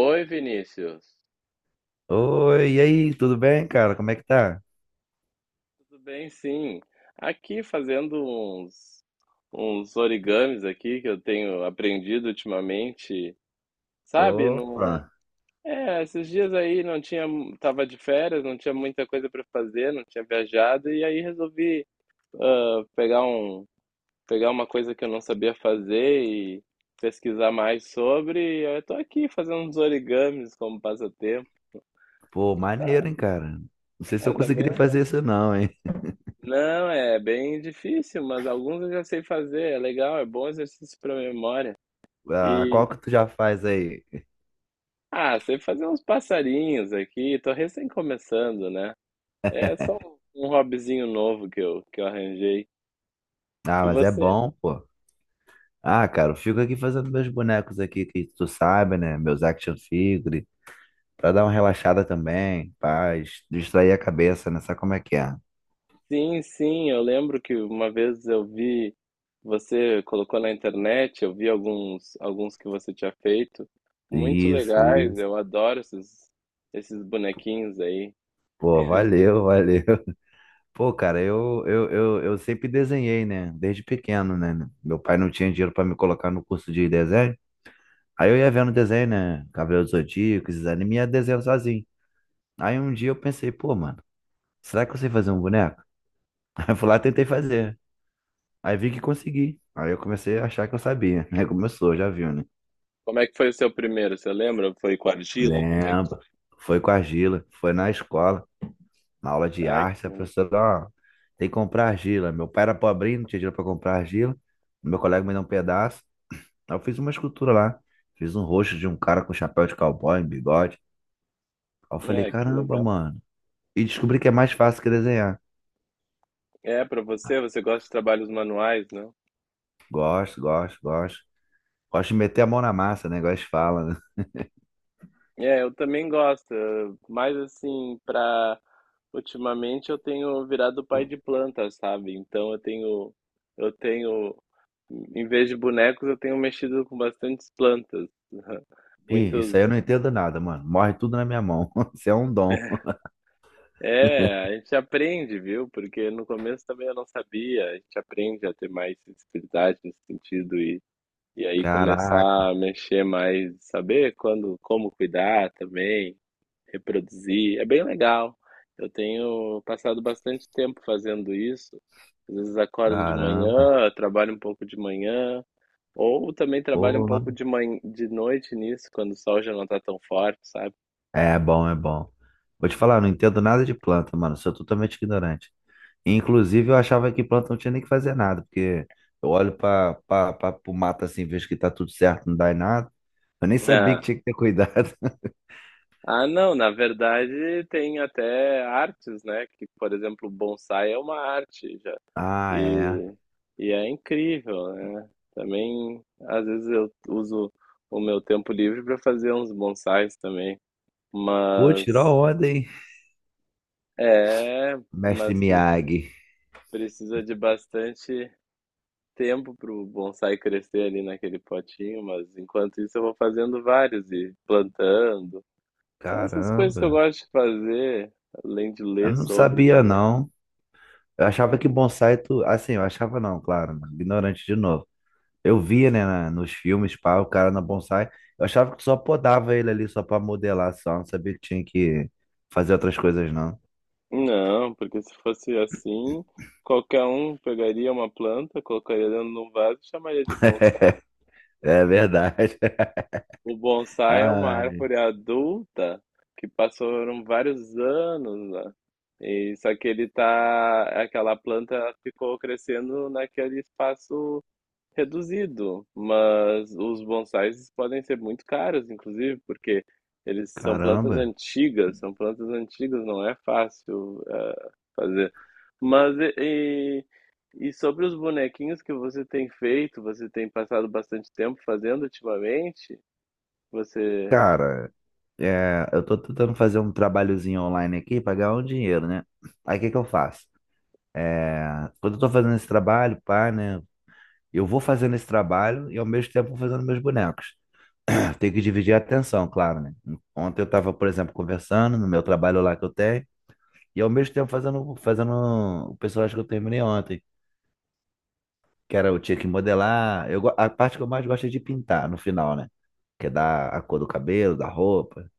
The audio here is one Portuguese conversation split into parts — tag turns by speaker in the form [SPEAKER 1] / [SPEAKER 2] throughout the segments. [SPEAKER 1] Oi, Vinícius.
[SPEAKER 2] Oi, e aí, tudo bem, cara? Como é que tá?
[SPEAKER 1] Tudo bem? Sim. Aqui fazendo uns origamis aqui que eu tenho aprendido ultimamente. Sabe,
[SPEAKER 2] Opa,
[SPEAKER 1] não... É, esses dias aí não tinha, tava de férias, não tinha muita coisa para fazer, não tinha viajado e aí resolvi pegar um, pegar uma coisa que eu não sabia fazer e pesquisar mais sobre. E eu tô aqui fazendo uns origamis como passatempo.
[SPEAKER 2] pô,
[SPEAKER 1] Tá,
[SPEAKER 2] maneiro, hein, cara? Não sei se
[SPEAKER 1] é,
[SPEAKER 2] eu
[SPEAKER 1] tá bem
[SPEAKER 2] conseguiria fazer
[SPEAKER 1] legal.
[SPEAKER 2] isso não, hein?
[SPEAKER 1] Não, é bem difícil, mas alguns eu já sei fazer. É legal, é bom exercício para memória.
[SPEAKER 2] Ah,
[SPEAKER 1] E,
[SPEAKER 2] qual que tu já faz aí?
[SPEAKER 1] ah, sei fazer uns passarinhos aqui. Tô recém começando, né? É só um hobbyzinho novo que eu arranjei.
[SPEAKER 2] Ah,
[SPEAKER 1] E
[SPEAKER 2] mas é
[SPEAKER 1] você?
[SPEAKER 2] bom, pô. Ah, cara, eu fico aqui fazendo meus bonecos aqui, que tu sabe, né? Meus action figure, pra dar uma relaxada também, paz, distrair a cabeça, né? Sabe como é que é?
[SPEAKER 1] Sim, sim, eu lembro que uma vez eu vi, você colocou na internet, eu vi alguns, alguns que você tinha feito. Muito
[SPEAKER 2] Isso,
[SPEAKER 1] legais,
[SPEAKER 2] isso.
[SPEAKER 1] eu adoro esses, esses bonequinhos aí.
[SPEAKER 2] Pô, valeu, valeu. Pô, cara, eu sempre desenhei, né? Desde pequeno, né? Meu pai não tinha dinheiro pra me colocar no curso de desenho. Aí eu ia vendo desenho, né? Cavaleiros do Zodíaco, esses animes, ia desenhando sozinho. Aí um dia eu pensei, pô, mano, será que eu sei fazer um boneco? Aí eu fui lá e tentei fazer. Aí vi que consegui. Aí eu comecei a achar que eu sabia. Aí começou, já viu, né?
[SPEAKER 1] Como é que foi o seu primeiro? Você lembra? Foi com argila? Como é?
[SPEAKER 2] Lembra. Foi com a argila, foi na escola, na aula de
[SPEAKER 1] Ai, que
[SPEAKER 2] arte, a
[SPEAKER 1] bom.
[SPEAKER 2] professora, ó, tem que comprar argila. Meu pai era pobrinho, não tinha dinheiro pra comprar argila. Meu colega me deu um pedaço. Aí eu fiz uma escultura lá. Fiz um rosto de um cara com chapéu de cowboy, um bigode. Aí eu falei,
[SPEAKER 1] É, que
[SPEAKER 2] caramba,
[SPEAKER 1] legal.
[SPEAKER 2] mano. E descobri que é mais fácil que desenhar.
[SPEAKER 1] É, pra você, você gosta de trabalhos manuais, não?
[SPEAKER 2] Gosto, gosto, gosto. Gosto de meter a mão na massa, né? Gosto de fala, né?
[SPEAKER 1] É, eu também gosto, mas assim, pra. Ultimamente eu tenho virado pai de planta, sabe? Então eu tenho. Eu tenho. Em vez de bonecos, eu tenho mexido com bastantes plantas.
[SPEAKER 2] Ih, isso aí eu
[SPEAKER 1] Muitos.
[SPEAKER 2] não entendo nada, mano. Morre tudo na minha mão. Isso é um dom.
[SPEAKER 1] É, a gente aprende, viu? Porque no começo também eu não sabia. A gente aprende a ter mais sensibilidade nesse sentido. E aí
[SPEAKER 2] Caraca,
[SPEAKER 1] começar a mexer mais, saber quando, como cuidar também, reproduzir, é bem legal. Eu tenho passado bastante tempo fazendo isso. Às vezes acordo de
[SPEAKER 2] caramba.
[SPEAKER 1] manhã, trabalho um pouco de manhã, ou também trabalho um
[SPEAKER 2] Pô,
[SPEAKER 1] pouco
[SPEAKER 2] mano.
[SPEAKER 1] de manhã, de noite nisso, quando o sol já não está tão forte, sabe?
[SPEAKER 2] É bom, é bom. Vou te falar, eu não entendo nada de planta, mano. Sou totalmente ignorante. Inclusive, eu achava que planta não tinha nem que fazer nada, porque eu olho para o mato assim, vejo que tá tudo certo, não dá em nada. Eu nem sabia que
[SPEAKER 1] Ah,
[SPEAKER 2] tinha que ter cuidado.
[SPEAKER 1] ah, não, na verdade tem até artes, né? Que, por exemplo, bonsai é uma arte, já.
[SPEAKER 2] Ah, é.
[SPEAKER 1] E, e é incrível, né? Também, às vezes eu uso o meu tempo livre para fazer uns bonsais também,
[SPEAKER 2] Pô, tirou a
[SPEAKER 1] mas
[SPEAKER 2] onda, hein?
[SPEAKER 1] é,
[SPEAKER 2] Mestre
[SPEAKER 1] mas
[SPEAKER 2] Miyagi.
[SPEAKER 1] precisa de bastante tempo para o bonsai crescer ali naquele potinho, mas enquanto isso eu vou fazendo vários e plantando. São essas coisas que
[SPEAKER 2] Caramba.
[SPEAKER 1] eu gosto de fazer, além de
[SPEAKER 2] Eu
[SPEAKER 1] ler
[SPEAKER 2] não
[SPEAKER 1] sobre
[SPEAKER 2] sabia,
[SPEAKER 1] também.
[SPEAKER 2] não. Eu achava que bonsai tu. Assim, eu achava não, claro, né? Ignorante de novo. Eu via, né, nos filmes, pá, o cara na bonsai. Eu achava que tu só podava ele ali só pra modelar, só. Não sabia que tinha que fazer outras coisas, não.
[SPEAKER 1] Não, porque se fosse assim, qualquer um pegaria uma planta, colocaria dentro de um vaso e chamaria de bonsai.
[SPEAKER 2] É verdade.
[SPEAKER 1] O bonsai é uma
[SPEAKER 2] Ai,
[SPEAKER 1] árvore adulta que passaram vários anos lá. E só que ele tá, aquela planta ficou crescendo naquele espaço reduzido, mas os bonsais podem ser muito caros, inclusive, porque eles
[SPEAKER 2] caramba.
[SPEAKER 1] são plantas antigas, não é fácil fazer. Mas e, e e sobre os bonequinhos que você tem feito, você tem passado bastante tempo fazendo ultimamente? Você,
[SPEAKER 2] Cara, é, eu tô tentando fazer um trabalhozinho online aqui pra ganhar um dinheiro, né? Aí o que que eu faço? É, quando eu tô fazendo esse trabalho, pá, né? Eu vou fazendo esse trabalho e ao mesmo tempo vou fazendo meus bonecos. Tem que dividir a atenção, claro, né? Ontem eu tava, por exemplo, conversando no meu trabalho lá que eu tenho e ao mesmo tempo fazendo o personagem que eu terminei ontem, que era eu tinha que modelar. Eu, a parte que eu mais gosto é de pintar no final, né? Que é dar a cor do cabelo, da roupa.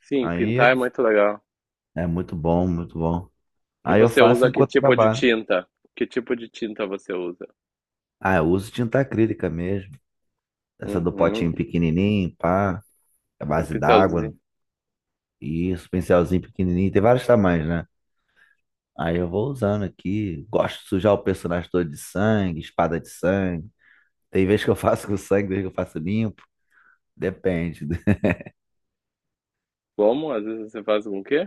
[SPEAKER 1] sim,
[SPEAKER 2] Aí é
[SPEAKER 1] pintar é muito legal.
[SPEAKER 2] é muito bom, muito bom.
[SPEAKER 1] E
[SPEAKER 2] Aí eu
[SPEAKER 1] você
[SPEAKER 2] faço
[SPEAKER 1] usa que
[SPEAKER 2] enquanto
[SPEAKER 1] tipo de
[SPEAKER 2] trabalho.
[SPEAKER 1] tinta? Que tipo de tinta você usa?
[SPEAKER 2] Ah, eu uso tinta acrílica mesmo. Essa do
[SPEAKER 1] Uhum,
[SPEAKER 2] potinho pequenininho, pá, a
[SPEAKER 1] um
[SPEAKER 2] base d'água.
[SPEAKER 1] pincelzinho.
[SPEAKER 2] Isso, pincelzinho pequenininho. Tem vários tamanhos, né? Aí eu vou usando aqui. Gosto de sujar o personagem todo de sangue, espada de sangue. Tem vez que eu faço com sangue, tem vez que eu faço limpo. Depende.
[SPEAKER 1] Como? Às vezes você faz com o quê?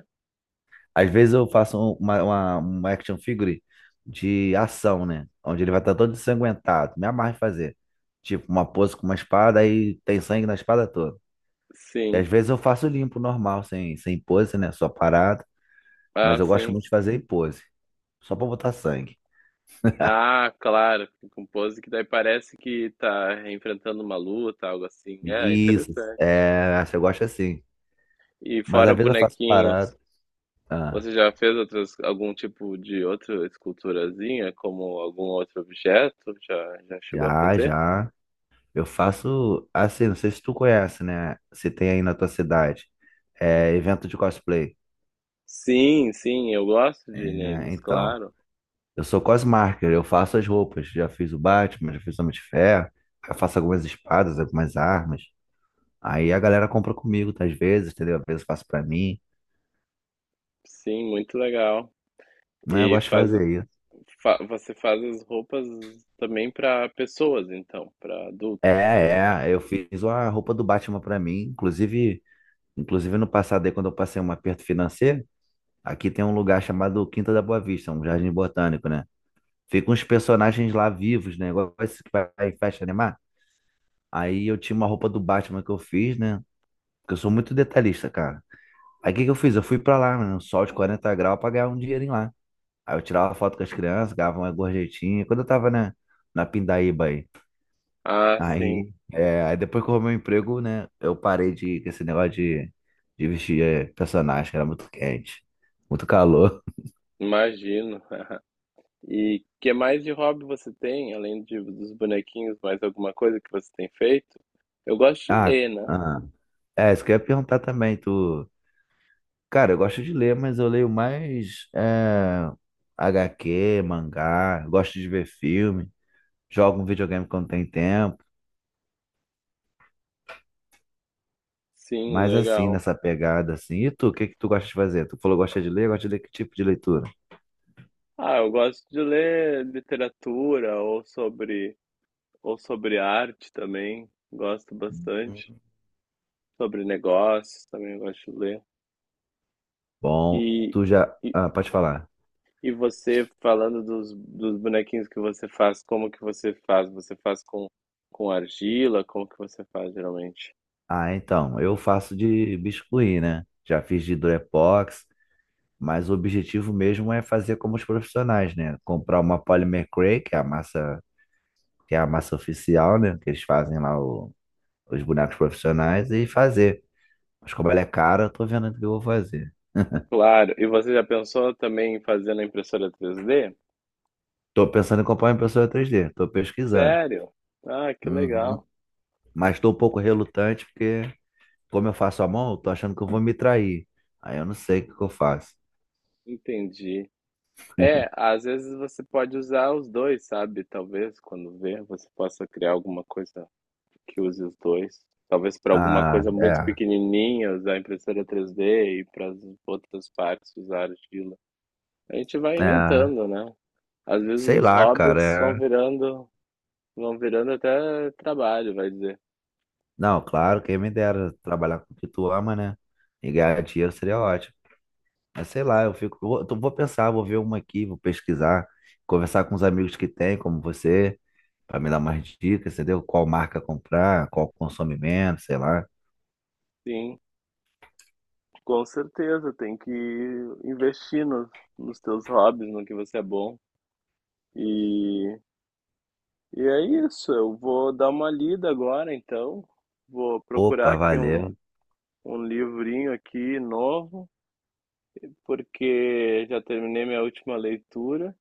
[SPEAKER 2] Às vezes eu faço uma um action figure de ação, né? Onde ele vai estar todo ensanguentado. Me amarra em fazer. Tipo, uma pose com uma espada e tem sangue na espada toda. E
[SPEAKER 1] Sim.
[SPEAKER 2] às vezes eu faço limpo, normal, sem pose, né? Só parado.
[SPEAKER 1] Ah,
[SPEAKER 2] Mas eu gosto
[SPEAKER 1] sim.
[SPEAKER 2] muito de fazer em pose. Só pra botar sangue.
[SPEAKER 1] Ah, claro, fica com pose que daí parece que tá enfrentando uma luta, algo assim. É,
[SPEAKER 2] Isso.
[SPEAKER 1] interessante.
[SPEAKER 2] É, você gosta assim.
[SPEAKER 1] E
[SPEAKER 2] Mas
[SPEAKER 1] fora
[SPEAKER 2] às vezes eu faço parado.
[SPEAKER 1] bonequinhos,
[SPEAKER 2] Ah,
[SPEAKER 1] você já fez outros algum tipo de outra esculturazinha, como algum outro objeto? Já, já chegou a
[SPEAKER 2] já,
[SPEAKER 1] fazer?
[SPEAKER 2] já. Eu faço assim, não sei se tu conhece, né? Se tem aí na tua cidade. É evento de cosplay.
[SPEAKER 1] Sim, sim, eu gosto de ir
[SPEAKER 2] Né?
[SPEAKER 1] neles,
[SPEAKER 2] Então.
[SPEAKER 1] claro.
[SPEAKER 2] Eu sou cosmarker, eu faço as roupas. Já fiz o Batman, já fiz o Homem de Ferro, eu faço algumas espadas, algumas armas. Aí a galera compra comigo, tá, às vezes, entendeu? Às vezes eu faço pra mim.
[SPEAKER 1] Sim, muito legal.
[SPEAKER 2] Né? Eu
[SPEAKER 1] E
[SPEAKER 2] gosto de
[SPEAKER 1] faz,
[SPEAKER 2] fazer isso.
[SPEAKER 1] você faz as roupas também para pessoas, então, para adultos.
[SPEAKER 2] É,
[SPEAKER 1] E-
[SPEAKER 2] é, eu fiz a roupa do Batman pra mim. Inclusive, inclusive no passado aí, quando eu passei um aperto financeiro, aqui tem um lugar chamado Quinta da Boa Vista, um jardim botânico, né? Ficam uns personagens lá vivos, né? Igual esse que vai em festa animar. Aí eu tinha uma roupa do Batman que eu fiz, né? Porque eu sou muito detalhista, cara. Aí o que que eu fiz? Eu fui pra lá, mano, no sol de 40 graus pra ganhar um dinheirinho lá. Aí eu tirava foto com as crianças, ganhava uma gorjetinha. Quando eu tava, né, na Pindaíba aí.
[SPEAKER 1] Ah, sim,
[SPEAKER 2] Aí, é, aí depois que eu arrumei o emprego, né, eu parei de, com esse negócio de vestir é, personagem, que era muito quente, muito calor.
[SPEAKER 1] imagino. E que mais de hobby você tem, além de, dos bonequinhos, mais alguma coisa que você tem feito? Eu gosto de
[SPEAKER 2] Ah,
[SPEAKER 1] ler, né?
[SPEAKER 2] ah, é, isso que eu ia perguntar também, tu... Cara, eu gosto de ler, mas eu leio mais é, HQ, mangá, gosto de ver filme, jogo um videogame quando tem tempo.
[SPEAKER 1] Sim,
[SPEAKER 2] Mas assim,
[SPEAKER 1] legal.
[SPEAKER 2] nessa pegada assim. E tu, o que que tu gosta de fazer? Tu falou que gosta de ler que tipo de leitura?
[SPEAKER 1] Ah, eu gosto de ler literatura ou sobre arte também. Gosto bastante. Sobre negócios também eu gosto de ler.
[SPEAKER 2] Bom,
[SPEAKER 1] E,
[SPEAKER 2] tu já.
[SPEAKER 1] e,
[SPEAKER 2] Ah, pode falar.
[SPEAKER 1] e você falando dos, dos bonequinhos que você faz, como que você faz? Você faz com argila? Como que você faz geralmente?
[SPEAKER 2] Ah, então, eu faço de biscuit, né? Já fiz de Durepox, mas o objetivo mesmo é fazer como os profissionais, né? Comprar uma Polymer Cray, que é a massa, que é a massa oficial, né? Que eles fazem lá os bonecos profissionais e fazer. Mas como ela é cara, eu tô vendo o que eu vou fazer.
[SPEAKER 1] Claro. E você já pensou também em fazer na impressora 3D?
[SPEAKER 2] Tô pensando em comprar uma impressora 3D tô pesquisando.
[SPEAKER 1] Sério? Ah, que
[SPEAKER 2] Uhum.
[SPEAKER 1] legal.
[SPEAKER 2] Mas estou um pouco relutante porque, como eu faço a mão, eu tô achando que eu vou me trair. Aí eu não sei o que que eu faço.
[SPEAKER 1] Entendi. É, às vezes você pode usar os dois, sabe? Talvez quando vê, você possa criar alguma coisa que use os dois. Talvez para alguma
[SPEAKER 2] Ah,
[SPEAKER 1] coisa muito
[SPEAKER 2] é,
[SPEAKER 1] pequenininha usar a impressora 3D e para as outras partes usar argila. A gente vai
[SPEAKER 2] é,
[SPEAKER 1] inventando, né? Às vezes
[SPEAKER 2] sei
[SPEAKER 1] os
[SPEAKER 2] lá, cara.
[SPEAKER 1] hobbies
[SPEAKER 2] É...
[SPEAKER 1] vão virando até trabalho, vai dizer.
[SPEAKER 2] Não, claro, quem me dera trabalhar com o que tu ama, né? E ganhar dinheiro seria ótimo. Mas sei lá, eu fico, eu vou pensar, vou ver uma aqui, vou pesquisar, conversar com os amigos que tem, como você, para me dar mais dicas, entendeu? Qual marca comprar, qual consome menos, sei lá.
[SPEAKER 1] Sim. Com certeza, tem que investir nos, nos teus hobbies, no que você é bom. E, e é isso, eu vou dar uma lida agora, então. Vou procurar
[SPEAKER 2] Opa,
[SPEAKER 1] aqui um,
[SPEAKER 2] valeu.
[SPEAKER 1] um livrinho aqui novo, porque já terminei minha última leitura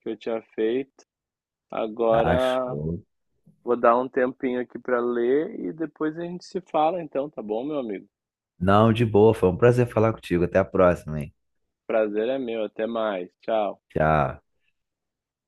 [SPEAKER 1] que eu tinha feito. Agora
[SPEAKER 2] Acho.
[SPEAKER 1] vou dar um tempinho aqui para ler e depois a gente se fala, então, tá bom, meu amigo?
[SPEAKER 2] Não, de boa, foi um prazer falar contigo. Até a próxima, hein?
[SPEAKER 1] Prazer é meu, até mais. Tchau.
[SPEAKER 2] Tchau.